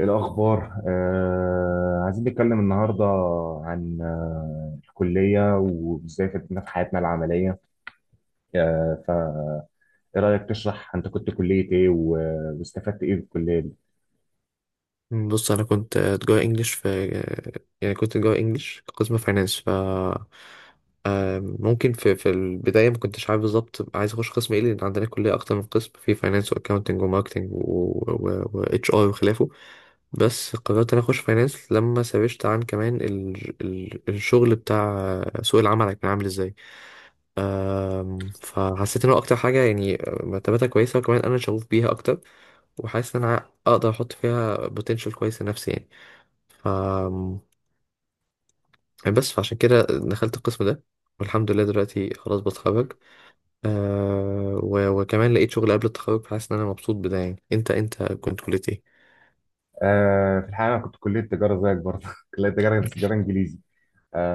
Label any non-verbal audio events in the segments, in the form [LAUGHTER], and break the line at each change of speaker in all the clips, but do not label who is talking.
إيه الأخبار؟ عايزين نتكلم النهاردة عن الكلية وإزاي فادتنا في حياتنا العملية، فإيه رأيك تشرح أنت كنت كلية إيه واستفدت إيه في الكلية دي؟
بص انا كنت جوه انجلش في يعني كنت جوه انجلش قسم فاينانس ف آم، ممكن في البدايه ما كنتش عارف بالظبط عايز اخش قسم ايه لان عندنا كليه اكتر من قسم في فاينانس واكاونتنج وماركتنج واتش ار وخلافه. بس قررت انا اخش فاينانس لما سرشت عن كمان الشغل بتاع سوق العمل كان عامل ازاي. فحسيت ان هو اكتر حاجه يعني مرتباتها كويسه وكمان انا شغوف بيها اكتر وحاسس ان انا اقدر احط فيها بوتنشال كويس لنفسي يعني. ف بس فعشان كده دخلت القسم ده والحمد لله دلوقتي خلاص بتخرج. أه و... وكمان لقيت شغل قبل التخرج فحاسس ان انا مبسوط بده يعني. انت كنت كلية ايه؟
في الحقيقة أنا كنت كلية تجارة زيك برضه، [LAUGHS] كلية تجارة بس تجارة إنجليزي،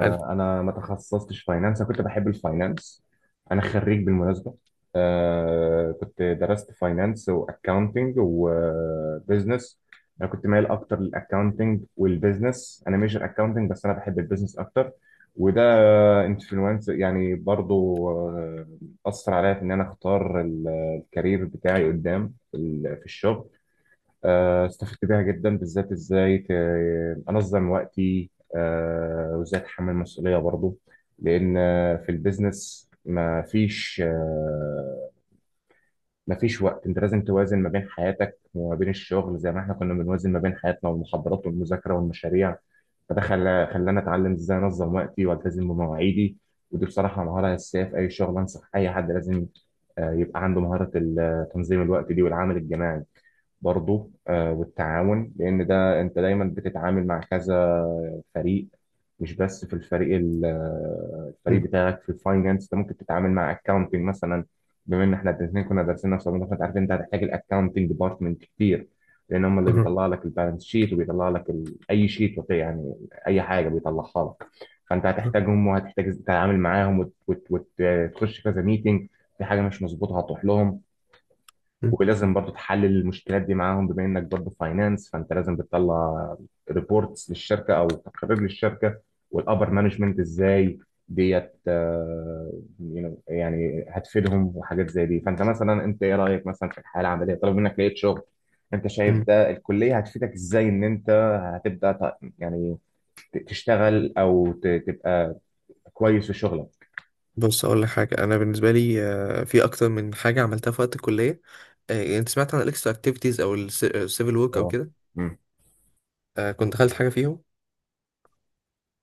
حلو.
انا ما تخصصتش فاينانس، انا كنت بحب الفاينانس. انا خريج بالمناسبه. كنت درست فاينانس واكاونتنج وبزنس. انا كنت مايل اكتر للاكاونتنج والبزنس، انا ميجر اكاونتنج بس انا بحب البزنس اكتر. وده انفلونس يعني برضو، اثر عليا في ان انا اختار الكارير بتاعي قدام في الشغل. استفدت بيها جدا، بالذات ازاي انظم وقتي، وازاي اتحمل مسؤوليه برضو. لان في البيزنس ما فيش وقت، انت لازم توازن ما بين حياتك وما بين الشغل زي ما احنا كنا بنوازن ما بين حياتنا والمحاضرات والمذاكره والمشاريع. فده خلاني اتعلم ازاي انظم وقتي والتزم بمواعيدي. ودي بصراحه مهاره اساسيه في اي شغل، انصح اي حد لازم يبقى عنده مهاره تنظيم الوقت دي، والعمل الجماعي برضو، والتعاون، لأن ده أنت دايما بتتعامل مع كذا فريق. مش بس في الفريق الفريق
مم.
بتاعك في الفاينانس، أنت ممكن تتعامل مع أكاونتنج مثلا. بما إن إحنا الاتنين كنا دارسين نفس الموضوع، فأنت عارف أنت هتحتاج الأكاونتنج ديبارتمنت كتير، لأن هم اللي
مم.
بيطلع لك البالانس شيت وبيطلع لك أي شيت يعني أي حاجة بيطلعها لك، فأنت
مم.
هتحتاجهم وهتحتاج تتعامل معاهم وتخش كذا ميتنج. في حاجة مش مظبوطة هتروح لهم، ولازم برضو تحلل المشكلات دي معاهم. بما انك برضو فاينانس، فانت لازم بتطلع ريبورتس للشركه او تقارير للشركه، والابر مانجمنت ازاي ديت، يعني هتفيدهم وحاجات زي دي. فانت مثلا، انت ايه رايك مثلا في الحياه العمليه طالما منك لقيت شغل؟ انت شايف
مم.
ده الكليه هتفيدك ازاي ان انت هتبدا يعني تشتغل او تبقى كويس في شغلك؟
بص اقول لك حاجه، انا بالنسبه لي آه، في اكتر من حاجه عملتها في وقت الكليه. آه، انت سمعت عن الاكسترا اكتيفيتيز او السيفل ورك او
اه.
كده؟
مم.
آه، كنت دخلت حاجه فيهم.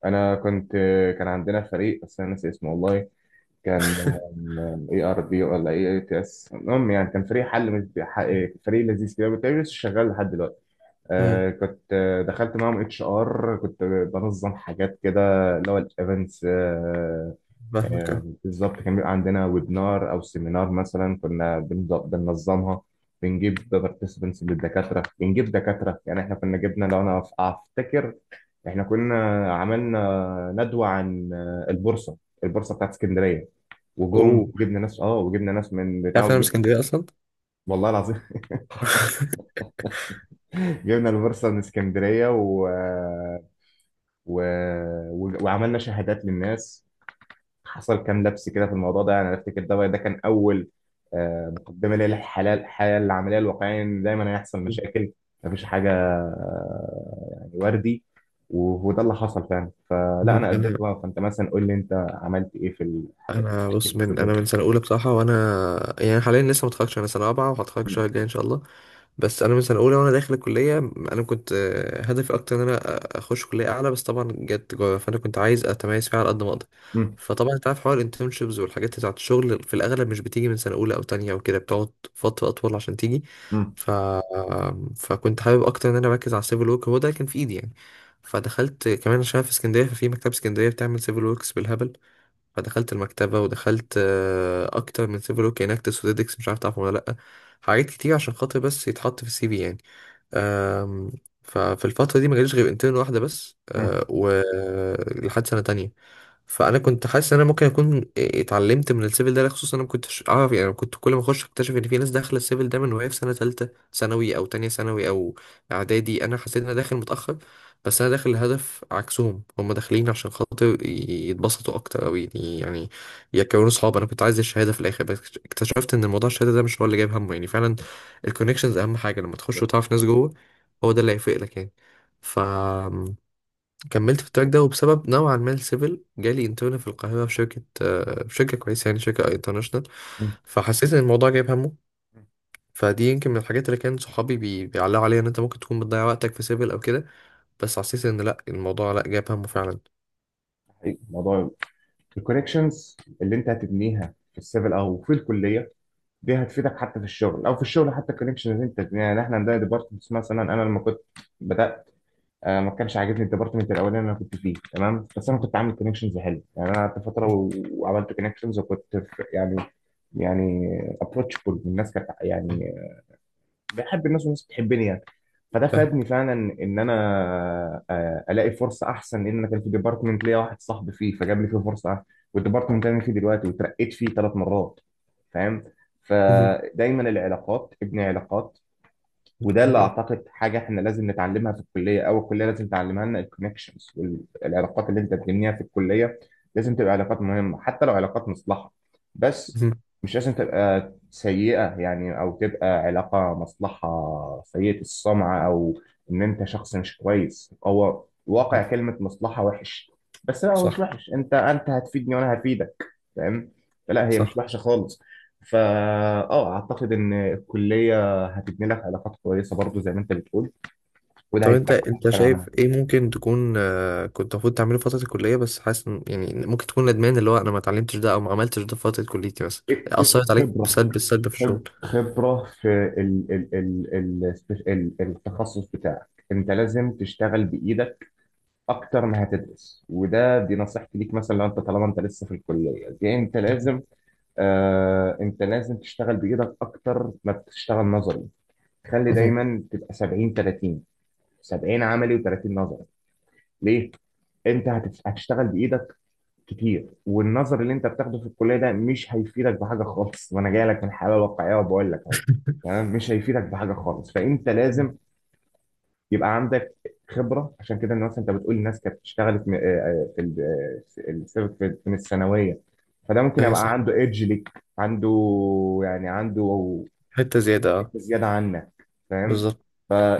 انا كنت، كان عندنا فريق بس انا ناسي اسمه والله. كان
[LAUGHS]
اي ار بي ولا اي اي تي اس، المهم يعني كان فريق حل من، فريق لذيذ كده، كنت لسه شغال لحد دلوقتي.
مم.
كنت دخلت معاهم اتش ار، كنت بنظم حاجات كده، اللي هو الايفنتس. آه
فاهمك
آه
اه.
بالظبط. كان بيبقى عندنا ويبنار او سيمينار مثلا، كنا بننظمها، بنجيب بارتيسبنتس للدكاتره، بنجيب دكاتره. يعني احنا كنا جبنا، لو انا افتكر، احنا كنا عملنا ندوه عن البورصه، البورصه بتاعت اسكندريه. وجم
اوه،
وجبنا ناس اه وجبنا ناس من بتاع
تعرف إن انا من
وجب.
اسكندريه اصلا.
والله العظيم. [LAUGHS] جبنا البورصه من اسكندريه و... وعملنا شهادات للناس. حصل كام لبس كده في الموضوع ده، يعني انا افتكر ده كان اول مقدمه ليا للحياه العمليه الواقعيه، ان دايما هيحصل
مم.
مشاكل، مفيش حاجه يعني وردي. وده اللي حصل فعلا. فلا، انا
انا
قدمت بقى، فانت مثلا قول لي انت عملت ايه في
انا بص،
في
من
الجو.
انا من سنه اولى بصراحه وانا يعني حاليا لسه ما اتخرجتش، انا سنه رابعه وهتخرج
م-
الشهر الجاي ان شاء الله. بس انا من سنه اولى وانا داخل الكليه انا كنت آه، هدفي اكتر ان اخش كليه اعلى، بس طبعا جت تجاره فانا كنت عايز اتميز فيها على قد ما اقدر.
م-
فطبعا انت عارف حوار الانترنشيبز والحاجات بتاعت الشغل في الاغلب مش بتيجي من سنه اولى او تانية او كده، بتقعد فتره اطول عشان تيجي.
م-
ف... فكنت حابب اكتر ان انا اركز على السيفل ورك، هو ده كان في ايدي يعني. فدخلت كمان عشان أنا في اسكندريه، ففي مكتبه اسكندريه بتعمل سيفل وركس بالهبل. فدخلت المكتبة ودخلت آه، أكتر من سيفل ورك اناكتس وديدكس، مش عارف تعرف ولا لأ، حاجات كتير عشان خاطر بس يتحط في السي في يعني. آم، ففي الفترة دي ما جاليش غير انترن واحدة بس
م-
آه، ولحد سنة تانية. فأنا كنت حاسس إن أنا ممكن أكون آه، اتعلمت من السيفل ده، خصوصا أنا ما كنتش أعرف يعني. أنا كنت كل ما أخش أكتشف إن في ناس داخلة السيفل ده من وهي في سنة تالتة ثانوي أو تانية ثانوي أو إعدادي، أنا حسيت إن أنا داخل متأخر. بس انا داخل الهدف عكسهم، هم داخلين عشان خاطر يتبسطوا اكتر او يعني يكونوا صحاب، انا كنت عايز الشهاده في الاخر بس. اكتشفت ان موضوع الشهاده ده مش هو اللي جايب همه يعني، فعلا الكونكشنز اهم حاجه، لما تخش وتعرف ناس جوه هو ده اللي هيفرق لك يعني. فكملت في التراك ده، وبسبب نوعا ما السيفل جالي انترن في القاهره في شركه آه، في شركه كويسه يعني، شركه انترناشونال.
م-
فحسيت ان الموضوع جايب همه. فدي يمكن من الحاجات اللي كان صحابي بيعلقوا عليها، ان انت ممكن تكون بتضيع وقتك في سيفل او كده، بس حسيت ان لا، الموضوع لا، جاب همه فعلا.
حقيقي. الموضوع، الكونكشنز اللي انت هتبنيها في السيفل او في الكليه دي هتفيدك حتى في الشغل، او في الشغل حتى الكونكشنز اللي انت تبنيها. يعني احنا عندنا ديبارتمنتس مثلا، انا لما كنت بدات ما كانش عاجبني الديبارتمنت الاولاني اللي انا كنت فيه، تمام، بس انا كنت عامل كونكشنز حلو. يعني انا قعدت فتره وعملت كونكشنز، وكنت في يعني، يعني ابروتشبل، الناس كانت يعني بحب الناس والناس بتحبني يعني. فده
فاهم.
فادني فعلا ان انا الاقي فرصه احسن، لان انا كان في ديبارتمنت ليا واحد صاحبي فيه، فجاب لي فيه فرصه احسن، والديبارتمنت اللي انا فيه دلوقتي وترقيت فيه 3 مرات. فاهم؟
مهم.
فدايما العلاقات، ابني علاقات. وده اللي اعتقد حاجه احنا لازم نتعلمها في الكليه، او الكليه لازم تعلمها لنا، الكونكشنز والعلاقات اللي انت بتبنيها في الكليه لازم تبقى علاقات مهمه، حتى لو علاقات مصلحه. بس
مهم.
مش لازم تبقى سيئه يعني، او تبقى علاقه مصلحه سيئه السمعه، او ان انت شخص مش كويس. هو واقع كلمه مصلحه وحش، بس لا هو مش
صح.
وحش، انت انت هتفيدني وانا هفيدك. فاهم؟ فلا هي مش
صح.
وحشه خالص. فا اه، اعتقد ان الكليه هتبني لك علاقات كويسه برضو زي ما انت بتقول، وده
طب انت،
هيفيدك في حاجات
انت
تانية
شايف
عنها.
ايه ممكن تكون آه، كنت المفروض تعمله في فترة الكلية بس حاسس يعني ممكن تكون ندمان، اللي هو انا ما اتعلمتش ده او ما عملتش ده في فترة كليتي، مثلا اثرت عليك
خبره،
بسلب في الشغل؟
خبره في ال ال ال ال التخصص بتاعك. انت لازم تشتغل بايدك اكتر ما هتدرس، وده دي نصيحتي ليك مثلا. لو انت طالما انت لسه في الكليه دي، انت
مهم.
لازم انت لازم تشتغل بايدك اكتر ما بتشتغل نظري. خلي
مهم.
دايما تبقى 70 30، 70 عملي و30 نظري. ليه؟ انت هتشتغل بايدك كتير، والنظر اللي انت بتاخده في الكليه ده مش هيفيدك بحاجه خالص، وانا جاي لك من حاله واقعيه وبقول لك اهو.
[LAUGHS]
تمام، مش هيفيدك بحاجه خالص، فانت لازم يبقى عندك خبره. عشان كده الناس، انت بتقول الناس كانت اشتغلت م- آه، آه، في ال- آه، السبب من الثانويه، فده ممكن
ايوه صح.
يبقى عنده ايدج ليك، عنده يعني، عنده
حتة زيادة اه.
حته زياده عنك. فاهم؟
بالظبط.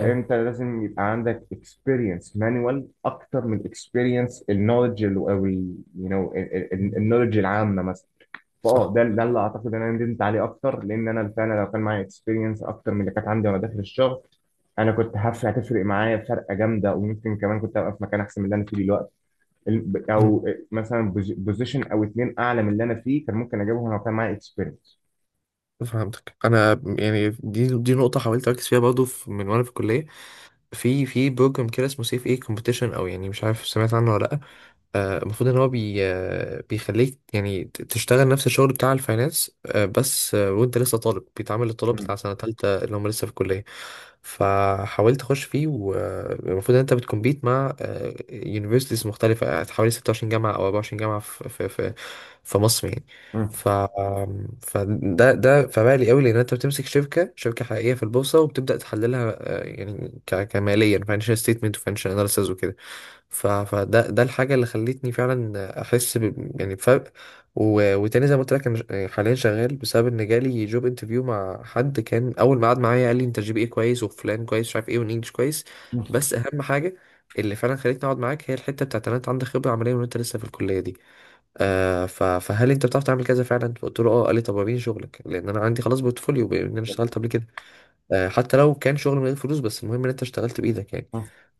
مم.
لازم يبقى عندك اكسبيرينس مانوال اكتر من اكسبيرينس النولج، او يو نو، النولج العامه مثلا. فاه،
صح.
ده اللي اعتقد ان انا ندمت عليه اكتر، لان انا فعلا لو كان معايا اكسبيرينس اكتر من اللي كانت عندي وانا داخل الشغل، انا كنت هتفرق معايا فرقه جامده، وممكن كمان كنت ابقى في مكان احسن من اللي انا فيه دلوقتي. ال-
مم.
او مثلا بوزيشن او اتنين اعلى من اللي انا فيه كان ممكن اجيبهم لو كان معايا اكسبيرينس.
فهمتك. انا يعني دي نقطة حاولت اركز فيها برضه من وانا في الكلية، في في بروجرام كده اسمه سيف ايه كومبيتيشن او يعني مش عارف سمعت عنه ولا لا. آه، المفروض ان هو بي آه، بيخليك يعني تشتغل نفس الشغل بتاع الفاينانس آه، بس آه، وانت لسه طالب، بيتعامل للطلاب بتاع سنة تالتة اللي هم لسه في الكلية. فحاولت اخش فيه، والمفروض ان انت بتكمبيت مع يونيفرسيتيز مختلفة آه، حوالي 26 جامعة او 24 جامعة في في مصر يعني. ف آم، فده ده فبالي قوي لان انت بتمسك شركة حقيقية في البورصة وبتبدأ تحللها يعني، كماليا financial statement و financial analysis وكده. ف- فده ده الحاجة اللي خلتني فعلا أحس ب يعني بفرق. و... وتاني زي ما قلت لك، أنا يعني حاليا شغال بسبب إن جالي جوب انترفيو مع حد، كان أول ما قعد معايا قال لي أنت جي بي إيه كويس وفلان كويس مش عارف إيه والإنجليش كويس، بس أهم حاجة اللي فعلا خلتني أقعد معاك هي الحتة بتاعت إن أنت عندك خبرة عملية وإن أنت لسه في الكلية دي آه. ف... فهل أنت بتعرف تعمل كذا فعلا؟ فقلت له أه. قال لي طب وريني شغلك، لأن أنا عندي خلاص بورتفوليو بإن أنا اشتغلت قبل كده آه، حتى لو كان شغل من غير فلوس، بس المهم ان انت اشتغلت بايدك يعني.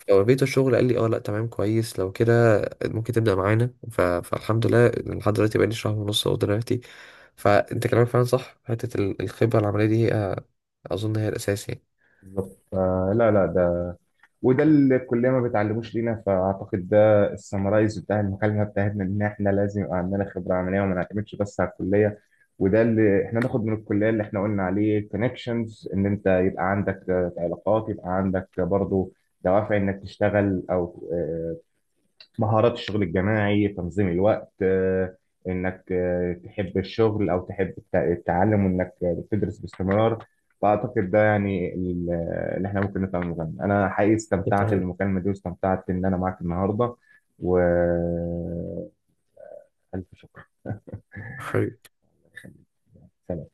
فوريته الشغل، قال لي اه لا تمام كويس، لو كده ممكن تبدا معانا. ف... فالحمد لله لحد دلوقتي بقالي شهر ونص اهو دلوقتي. فانت كلامك فعلا صح، حته الخبره العمليه دي آه، اظن هي الاساس يعني.
بالظبط. فلا لا ده وده اللي الكليه ما بتعلموش لينا. فاعتقد ده السمرايز بتاع المكالمه بتاعتنا، ان احنا لازم يبقى عندنا خبره عمليه وما نعتمدش بس على الكليه. وده اللي احنا ناخد من الكليه، اللي احنا قلنا عليه كونكشنز، ان انت يبقى عندك علاقات، يبقى عندك برضو دوافع انك تشتغل، او مهارات الشغل الجماعي، تنظيم الوقت، انك تحب الشغل او تحب التعلم، وانك تدرس باستمرار. فاعتقد ده يعني اللي احنا ممكن نفهمه منه. انا حقيقي استمتعت
صحيح.
بالمكالمة دي، واستمتعت ان انا معاك النهاردة. والف شكر.
حلو.
سلام.